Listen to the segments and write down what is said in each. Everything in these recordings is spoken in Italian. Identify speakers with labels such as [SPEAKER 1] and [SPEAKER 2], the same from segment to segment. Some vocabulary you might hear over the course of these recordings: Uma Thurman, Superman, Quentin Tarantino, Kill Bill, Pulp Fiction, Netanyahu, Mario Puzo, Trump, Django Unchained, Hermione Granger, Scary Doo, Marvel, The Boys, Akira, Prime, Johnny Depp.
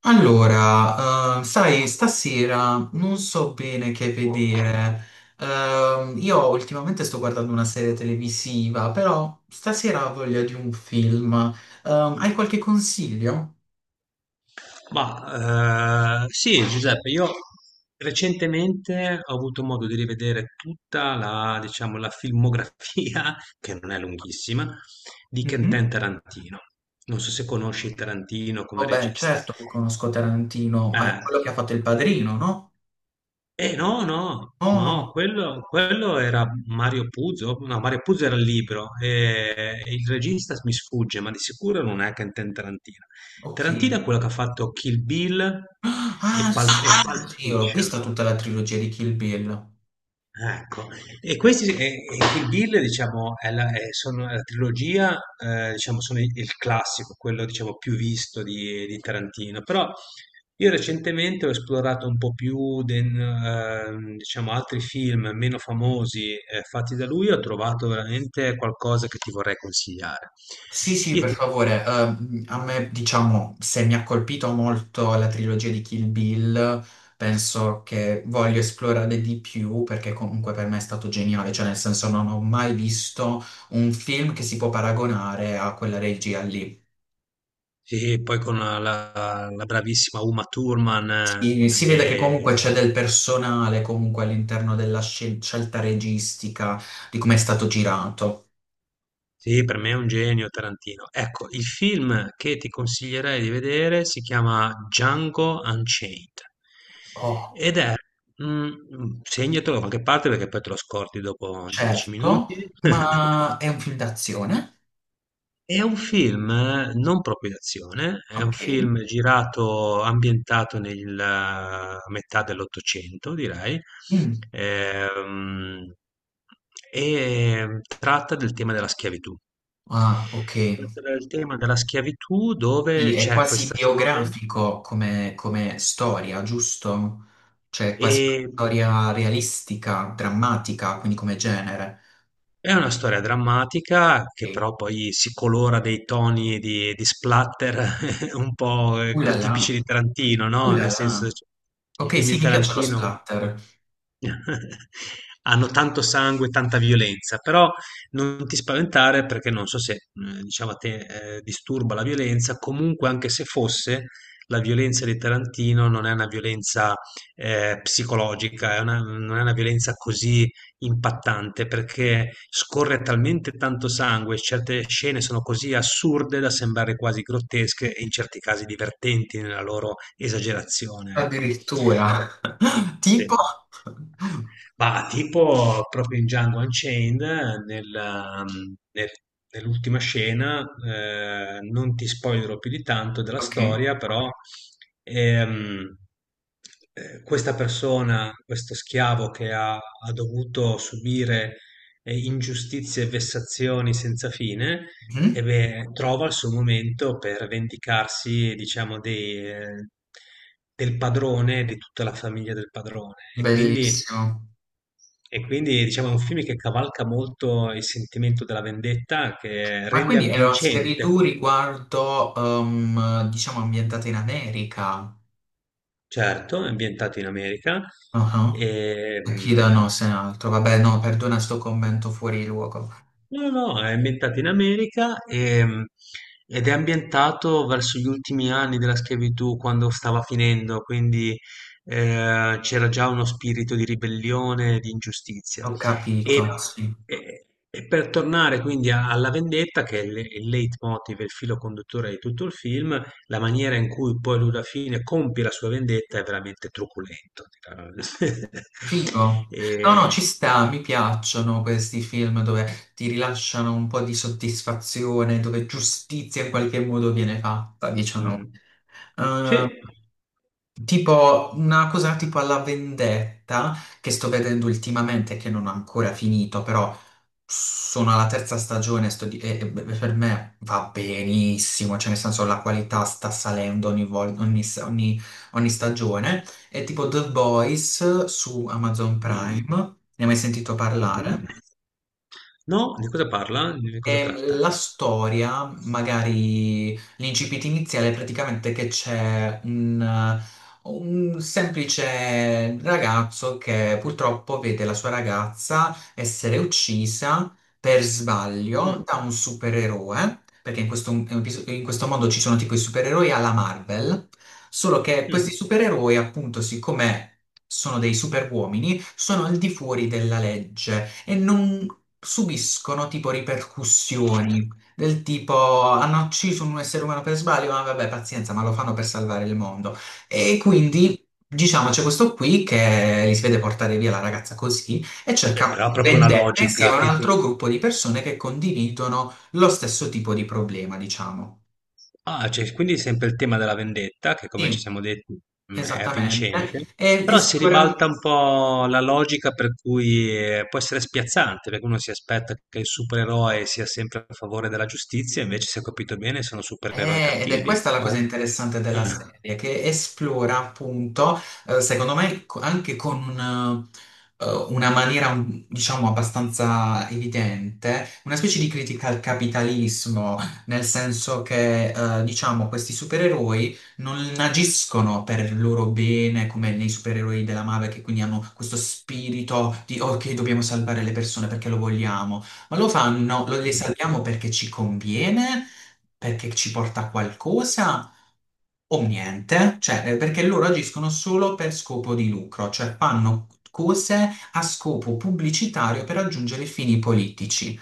[SPEAKER 1] Allora, sai, stasera non so bene che vedere. Io ultimamente sto guardando una serie televisiva, però stasera ho voglia di un film. Hai qualche consiglio?
[SPEAKER 2] Ma sì, Giuseppe, io recentemente ho avuto modo di rivedere tutta la, diciamo, la filmografia, che non è lunghissima, di
[SPEAKER 1] Mhm.
[SPEAKER 2] Quentin Tarantino. Non so se conosci Tarantino come
[SPEAKER 1] Vabbè,
[SPEAKER 2] regista.
[SPEAKER 1] certo che conosco Tarantino, ma è
[SPEAKER 2] Eh,
[SPEAKER 1] quello che ha fatto Il Padrino, no?
[SPEAKER 2] Eh no, no,
[SPEAKER 1] Oh
[SPEAKER 2] no,
[SPEAKER 1] no,
[SPEAKER 2] quello era Mario Puzo, no, Mario Puzo era il libro, e il regista mi sfugge, ma di sicuro non è Quentin Tarantino.
[SPEAKER 1] ok.
[SPEAKER 2] Tarantino è quello che ha fatto Kill Bill
[SPEAKER 1] Ah, sì,
[SPEAKER 2] E
[SPEAKER 1] sì, sì,
[SPEAKER 2] Pulp
[SPEAKER 1] sì, ho
[SPEAKER 2] Fiction.
[SPEAKER 1] visto tutta la trilogia di Kill Bill.
[SPEAKER 2] Ah, ecco. E Kill Bill, diciamo, sono, la trilogia, diciamo, sono il classico, quello, diciamo, più visto di, Tarantino. Però io recentemente ho esplorato un po' più, diciamo, altri film meno famosi, fatti da lui, ho trovato veramente qualcosa che ti vorrei consigliare.
[SPEAKER 1] Sì, sì,
[SPEAKER 2] Io
[SPEAKER 1] per
[SPEAKER 2] ti-
[SPEAKER 1] favore. A me, diciamo, se mi ha colpito molto la trilogia di Kill Bill, penso che voglio esplorare di più perché comunque per me è stato geniale, cioè nel senso non ho mai visto un film che si può paragonare a quella regia lì.
[SPEAKER 2] sì, poi con la bravissima Uma Thurman,
[SPEAKER 1] Si vede che
[SPEAKER 2] eh,
[SPEAKER 1] comunque c'è del personale comunque all'interno della scelta registica, di come è stato girato.
[SPEAKER 2] Sì, per me è un genio Tarantino. Ecco, il film che ti consiglierei di vedere si chiama Django Unchained
[SPEAKER 1] Oh,
[SPEAKER 2] ed è, segnatelo da qualche parte perché poi te lo scordi dopo dieci
[SPEAKER 1] certo,
[SPEAKER 2] minuti.
[SPEAKER 1] ma è un film d'azione,
[SPEAKER 2] È un film non proprio d'azione, è un
[SPEAKER 1] ok.
[SPEAKER 2] film girato, ambientato nella metà dell'Ottocento, direi,
[SPEAKER 1] Mm.
[SPEAKER 2] ehm, e tratta del tema della schiavitù.
[SPEAKER 1] Ah, ok.
[SPEAKER 2] Tratta del tema della schiavitù
[SPEAKER 1] Quindi
[SPEAKER 2] dove
[SPEAKER 1] è
[SPEAKER 2] c'è
[SPEAKER 1] quasi
[SPEAKER 2] questa storia.
[SPEAKER 1] biografico come storia, giusto? Cioè, è quasi una
[SPEAKER 2] E
[SPEAKER 1] storia realistica, drammatica, quindi come genere.
[SPEAKER 2] È una storia drammatica che
[SPEAKER 1] E-
[SPEAKER 2] però poi si colora dei toni di splatter un po',
[SPEAKER 1] Là
[SPEAKER 2] tipici
[SPEAKER 1] là,
[SPEAKER 2] di Tarantino, no,
[SPEAKER 1] là
[SPEAKER 2] nel
[SPEAKER 1] là.
[SPEAKER 2] senso c i
[SPEAKER 1] Ok,
[SPEAKER 2] film di
[SPEAKER 1] sì, mi piace lo
[SPEAKER 2] Tarantino
[SPEAKER 1] splatter.
[SPEAKER 2] hanno tanto sangue, tanta violenza, però non ti spaventare perché non so se, diciamo a te, disturba la violenza, comunque anche se fosse, la violenza di Tarantino non è una violenza, psicologica, è una non è una violenza così impattante perché scorre talmente tanto sangue, certe scene sono così assurde da sembrare quasi grottesche e in certi casi divertenti nella loro esagerazione, ecco.
[SPEAKER 1] Addirittura. Tipo.
[SPEAKER 2] Sì. Ma tipo proprio in Django Unchained, nel, um, nel- nell'ultima scena, non ti spoilerò più di tanto della
[SPEAKER 1] Ok.
[SPEAKER 2] storia, però ehm, questa persona, questo schiavo che ha dovuto subire ingiustizie e vessazioni senza fine, e
[SPEAKER 1] Mhm.
[SPEAKER 2] beh, trova il suo momento per vendicarsi, diciamo, del padrone, di tutta la famiglia del padrone. E quindi
[SPEAKER 1] Bellissimo.
[SPEAKER 2] e quindi diciamo è un film che cavalca molto il sentimento della vendetta, che
[SPEAKER 1] Ma
[SPEAKER 2] rende
[SPEAKER 1] quindi era Scary
[SPEAKER 2] avvincente,
[SPEAKER 1] Doo riguardo, diciamo, ambientata in America.
[SPEAKER 2] certo, è ambientato in America,
[SPEAKER 1] Ah. Ah.
[SPEAKER 2] e,
[SPEAKER 1] Akira
[SPEAKER 2] mh,
[SPEAKER 1] no, se ne altro. Vabbè, no, perdona sto commento fuori luogo.
[SPEAKER 2] No, no, no, è ambientato in America ed è ambientato verso gli ultimi anni della schiavitù, quando stava finendo, quindi c'era già uno spirito di ribellione, di ingiustizia.
[SPEAKER 1] Ho capito,
[SPEAKER 2] Ok.
[SPEAKER 1] sì.
[SPEAKER 2] e- e per tornare quindi alla vendetta, che è il leitmotiv, il filo conduttore di tutto il film, la maniera in cui poi lui alla fine compie la sua vendetta è veramente truculento. dirà.
[SPEAKER 1] Figo. No,
[SPEAKER 2] E,
[SPEAKER 1] no, ci sta, mi piacciono questi film dove ti rilasciano un po' di soddisfazione, dove giustizia in qualche modo viene fatta, diciamo.
[SPEAKER 2] mm, sì.
[SPEAKER 1] Eh, tipo una cosa tipo alla vendetta che sto vedendo ultimamente, che non ho ancora finito, però sono alla terza stagione, e per me va benissimo, cioè nel senso la qualità sta salendo ogni, vol- ogni, s- ogni- ogni stagione. È tipo The Boys su Amazon Prime,
[SPEAKER 2] Mm.
[SPEAKER 1] ne hai mai sentito
[SPEAKER 2] Mh-mh.
[SPEAKER 1] parlare?
[SPEAKER 2] No? Di cosa parla? Di cosa
[SPEAKER 1] E
[SPEAKER 2] tratta?
[SPEAKER 1] la storia, magari l'incipit iniziale, è praticamente che c'è un semplice ragazzo che purtroppo vede la sua ragazza essere uccisa per sbaglio
[SPEAKER 2] Mh,
[SPEAKER 1] da un supereroe, perché in questo mondo ci sono tipo i supereroi alla Marvel, solo che questi
[SPEAKER 2] mh,
[SPEAKER 1] supereroi, appunto, siccome sono dei superuomini, sono al di fuori della legge e non subiscono tipo ripercussioni del tipo hanno ucciso un essere umano per sbaglio, ma vabbè, pazienza, ma lo fanno per salvare il mondo. E
[SPEAKER 2] mh.
[SPEAKER 1] quindi diciamo c'è questo qui che li si vede portare via la ragazza così e
[SPEAKER 2] Beh,
[SPEAKER 1] cerca
[SPEAKER 2] però ha proprio una
[SPEAKER 1] vendetta
[SPEAKER 2] logica
[SPEAKER 1] insieme a un altro gruppo di persone che condividono lo stesso tipo di problema, diciamo.
[SPEAKER 2] cioè quindi sempre il tema della vendetta, che come ci
[SPEAKER 1] Sì,
[SPEAKER 2] siamo detti, è vincente,
[SPEAKER 1] esattamente. E, e
[SPEAKER 2] però si
[SPEAKER 1] sicura-
[SPEAKER 2] ribalta un po' la logica per cui, può essere spiazzante, perché uno si aspetta che il supereroe sia sempre a favore della giustizia, invece se ho capito bene sono supereroi
[SPEAKER 1] Ed è
[SPEAKER 2] cattivi
[SPEAKER 1] questa la cosa
[SPEAKER 2] o
[SPEAKER 1] interessante della serie, che esplora appunto, secondo me, anche con una maniera, diciamo, abbastanza evidente, una specie di critica al capitalismo, nel senso che, diciamo, questi supereroi non agiscono per il loro bene, come nei supereroi della Marvel, che quindi hanno questo spirito di, ok, dobbiamo salvare le persone perché lo vogliamo, ma lo fanno, le
[SPEAKER 2] mh.
[SPEAKER 1] salviamo perché ci conviene perché ci porta a qualcosa o niente, cioè, perché loro agiscono solo per scopo di lucro, cioè fanno cose a scopo pubblicitario per raggiungere fini politici.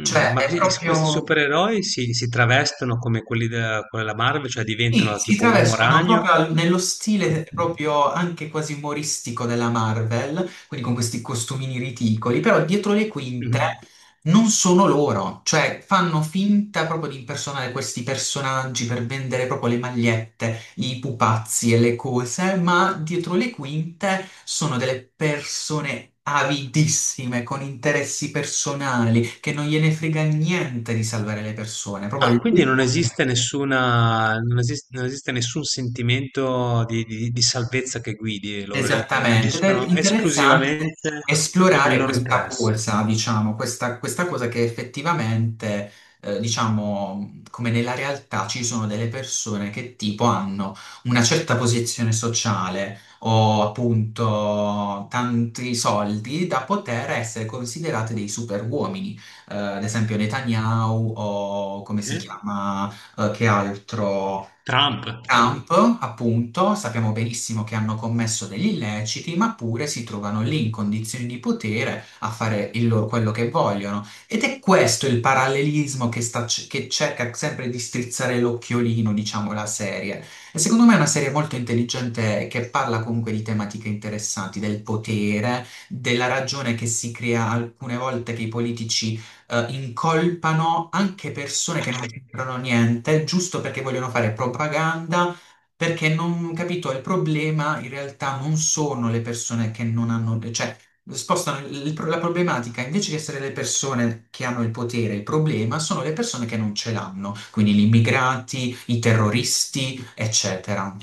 [SPEAKER 2] Mm,
[SPEAKER 1] Cioè
[SPEAKER 2] ma
[SPEAKER 1] è
[SPEAKER 2] questi
[SPEAKER 1] proprio.
[SPEAKER 2] supereroi si travestono come quelli della Marvel, cioè
[SPEAKER 1] Sì,
[SPEAKER 2] diventano
[SPEAKER 1] si
[SPEAKER 2] tipo uomo
[SPEAKER 1] travescono
[SPEAKER 2] ragno?
[SPEAKER 1] proprio nello stile proprio anche quasi umoristico della Marvel, quindi con questi costumini ridicoli, però dietro le quinte
[SPEAKER 2] Mm.
[SPEAKER 1] non sono loro, cioè fanno finta proprio di impersonare questi personaggi per vendere proprio le magliette, i pupazzi e le cose, ma dietro le quinte sono delle persone avidissime, con interessi personali, che non gliene frega niente di salvare le persone, proprio
[SPEAKER 2] Ah, quindi non
[SPEAKER 1] all'ultimo.
[SPEAKER 2] esiste nessuna, non esiste, non esiste nessun sentimento di, di salvezza che guidi loro,
[SPEAKER 1] Esattamente, ed è
[SPEAKER 2] agiscono
[SPEAKER 1] interessante
[SPEAKER 2] esclusivamente per il
[SPEAKER 1] esplorare
[SPEAKER 2] loro
[SPEAKER 1] questa
[SPEAKER 2] interesse.
[SPEAKER 1] corsa, diciamo, questa cosa che effettivamente, diciamo, come nella realtà ci sono delle persone che tipo hanno una certa posizione sociale o appunto tanti soldi da poter essere considerate dei superuomini. Ad esempio Netanyahu o come
[SPEAKER 2] Sì.
[SPEAKER 1] si chiama, che altro?
[SPEAKER 2] Trump,
[SPEAKER 1] Trump, appunto, sappiamo benissimo che hanno commesso degli illeciti, ma pure si trovano lì in condizioni di potere a fare quello che vogliono. Ed è questo il parallelismo che cerca sempre di strizzare l'occhiolino, diciamo, la serie. E secondo me è una serie molto intelligente che parla comunque di tematiche interessanti, del potere, della ragione che si crea alcune volte che i politici incolpano anche persone che non c'entrano niente, giusto perché vogliono fare propaganda, perché non capito, il problema in realtà non sono le persone che non hanno, cioè spostano la problematica, invece di essere le persone che hanno il potere, il problema sono le persone che non ce l'hanno, quindi gli immigrati, i terroristi, eccetera.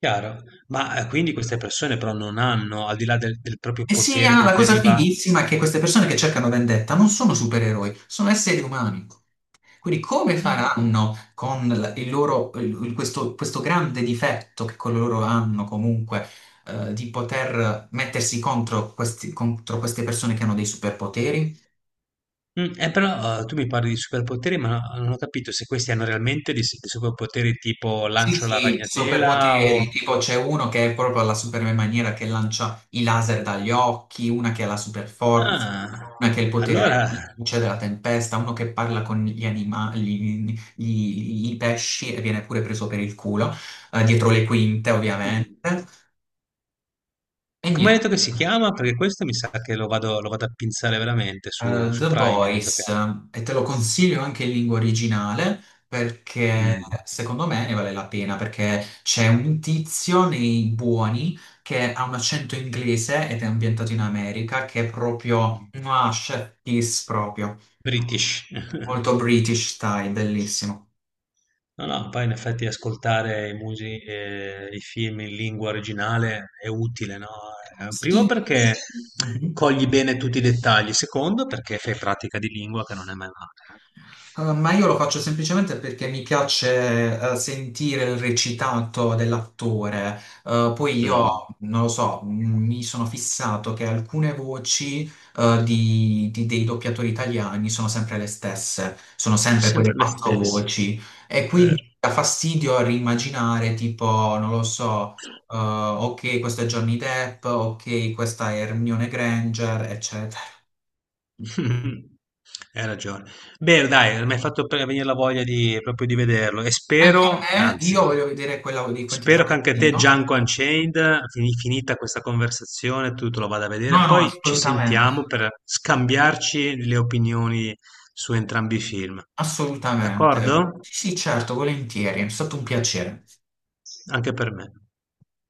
[SPEAKER 2] chiaro. Ma quindi queste persone però non hanno, al di là del proprio
[SPEAKER 1] E sì,
[SPEAKER 2] potere
[SPEAKER 1] Anna,
[SPEAKER 2] che
[SPEAKER 1] la cosa
[SPEAKER 2] deriva...
[SPEAKER 1] fighissima è che queste persone che cercano vendetta non sono supereroi, sono esseri umani. Quindi come
[SPEAKER 2] Ah.
[SPEAKER 1] faranno con il loro, questo grande difetto che con loro hanno comunque, di poter mettersi contro, contro queste persone che hanno dei superpoteri?
[SPEAKER 2] Però tu mi parli di superpoteri, ma non ho capito se questi hanno realmente dei superpoteri tipo
[SPEAKER 1] Sì,
[SPEAKER 2] lancio la
[SPEAKER 1] sì,
[SPEAKER 2] ragnatela
[SPEAKER 1] superpoteri,
[SPEAKER 2] o...
[SPEAKER 1] tipo c'è uno che è proprio alla Superman maniera che lancia i laser dagli occhi, una che ha la superforza,
[SPEAKER 2] Ah,
[SPEAKER 1] una che ha il potere della
[SPEAKER 2] allora,
[SPEAKER 1] luce, della tempesta, uno che parla con gli animali, i pesci e viene pure preso per il culo, dietro le quinte ovviamente.
[SPEAKER 2] eh,
[SPEAKER 1] E
[SPEAKER 2] come hai
[SPEAKER 1] niente,
[SPEAKER 2] detto che si chiama? Perché questo mi sa che lo vado a pinzare veramente su, su
[SPEAKER 1] The
[SPEAKER 2] Prime, hai detto che...
[SPEAKER 1] Boys, e te lo consiglio anche in lingua originale perché
[SPEAKER 2] Mm,
[SPEAKER 1] secondo me ne vale la pena perché c'è un tizio nei buoni che ha un accento inglese ed è ambientato in America che è proprio,
[SPEAKER 2] mm,
[SPEAKER 1] ah, chef kiss proprio,
[SPEAKER 2] British.
[SPEAKER 1] molto British style, bellissimo.
[SPEAKER 2] No, no, poi in effetti ascoltare i film in lingua originale è utile, no? Primo
[SPEAKER 1] Sì.
[SPEAKER 2] perché
[SPEAKER 1] Mhm.
[SPEAKER 2] cogli bene tutti i dettagli, secondo perché fai pratica di lingua che non è mai male.
[SPEAKER 1] Ma io lo faccio semplicemente perché mi piace sentire il recitato dell'attore. Poi
[SPEAKER 2] Mm,
[SPEAKER 1] io, non lo so, mi sono fissato che alcune voci dei doppiatori italiani sono sempre le stesse, sono
[SPEAKER 2] sono
[SPEAKER 1] sempre quelle
[SPEAKER 2] sempre le
[SPEAKER 1] quattro
[SPEAKER 2] stesse.
[SPEAKER 1] voci. E quindi
[SPEAKER 2] Vero.
[SPEAKER 1] dà fastidio a rimaginare, tipo, non lo so, ok, questo è Johnny Depp, ok, questa è Hermione Granger, eccetera.
[SPEAKER 2] Hai ragione. Bene, dai, mi hai fatto venire la voglia proprio di vederlo e
[SPEAKER 1] Anche a
[SPEAKER 2] spero,
[SPEAKER 1] me,
[SPEAKER 2] anzi,
[SPEAKER 1] io voglio vedere quella di Quentin
[SPEAKER 2] Spero che anche te
[SPEAKER 1] Tarantino.
[SPEAKER 2] Django Unchained, finita questa conversazione, tu te lo vada a vedere.
[SPEAKER 1] No, no,
[SPEAKER 2] Poi ci
[SPEAKER 1] assolutamente,
[SPEAKER 2] sentiamo per scambiarci le opinioni su entrambi i film.
[SPEAKER 1] assolutamente.
[SPEAKER 2] D'accordo?
[SPEAKER 1] Sì, sì, certo, volentieri, è stato un piacere.
[SPEAKER 2] Anche per me.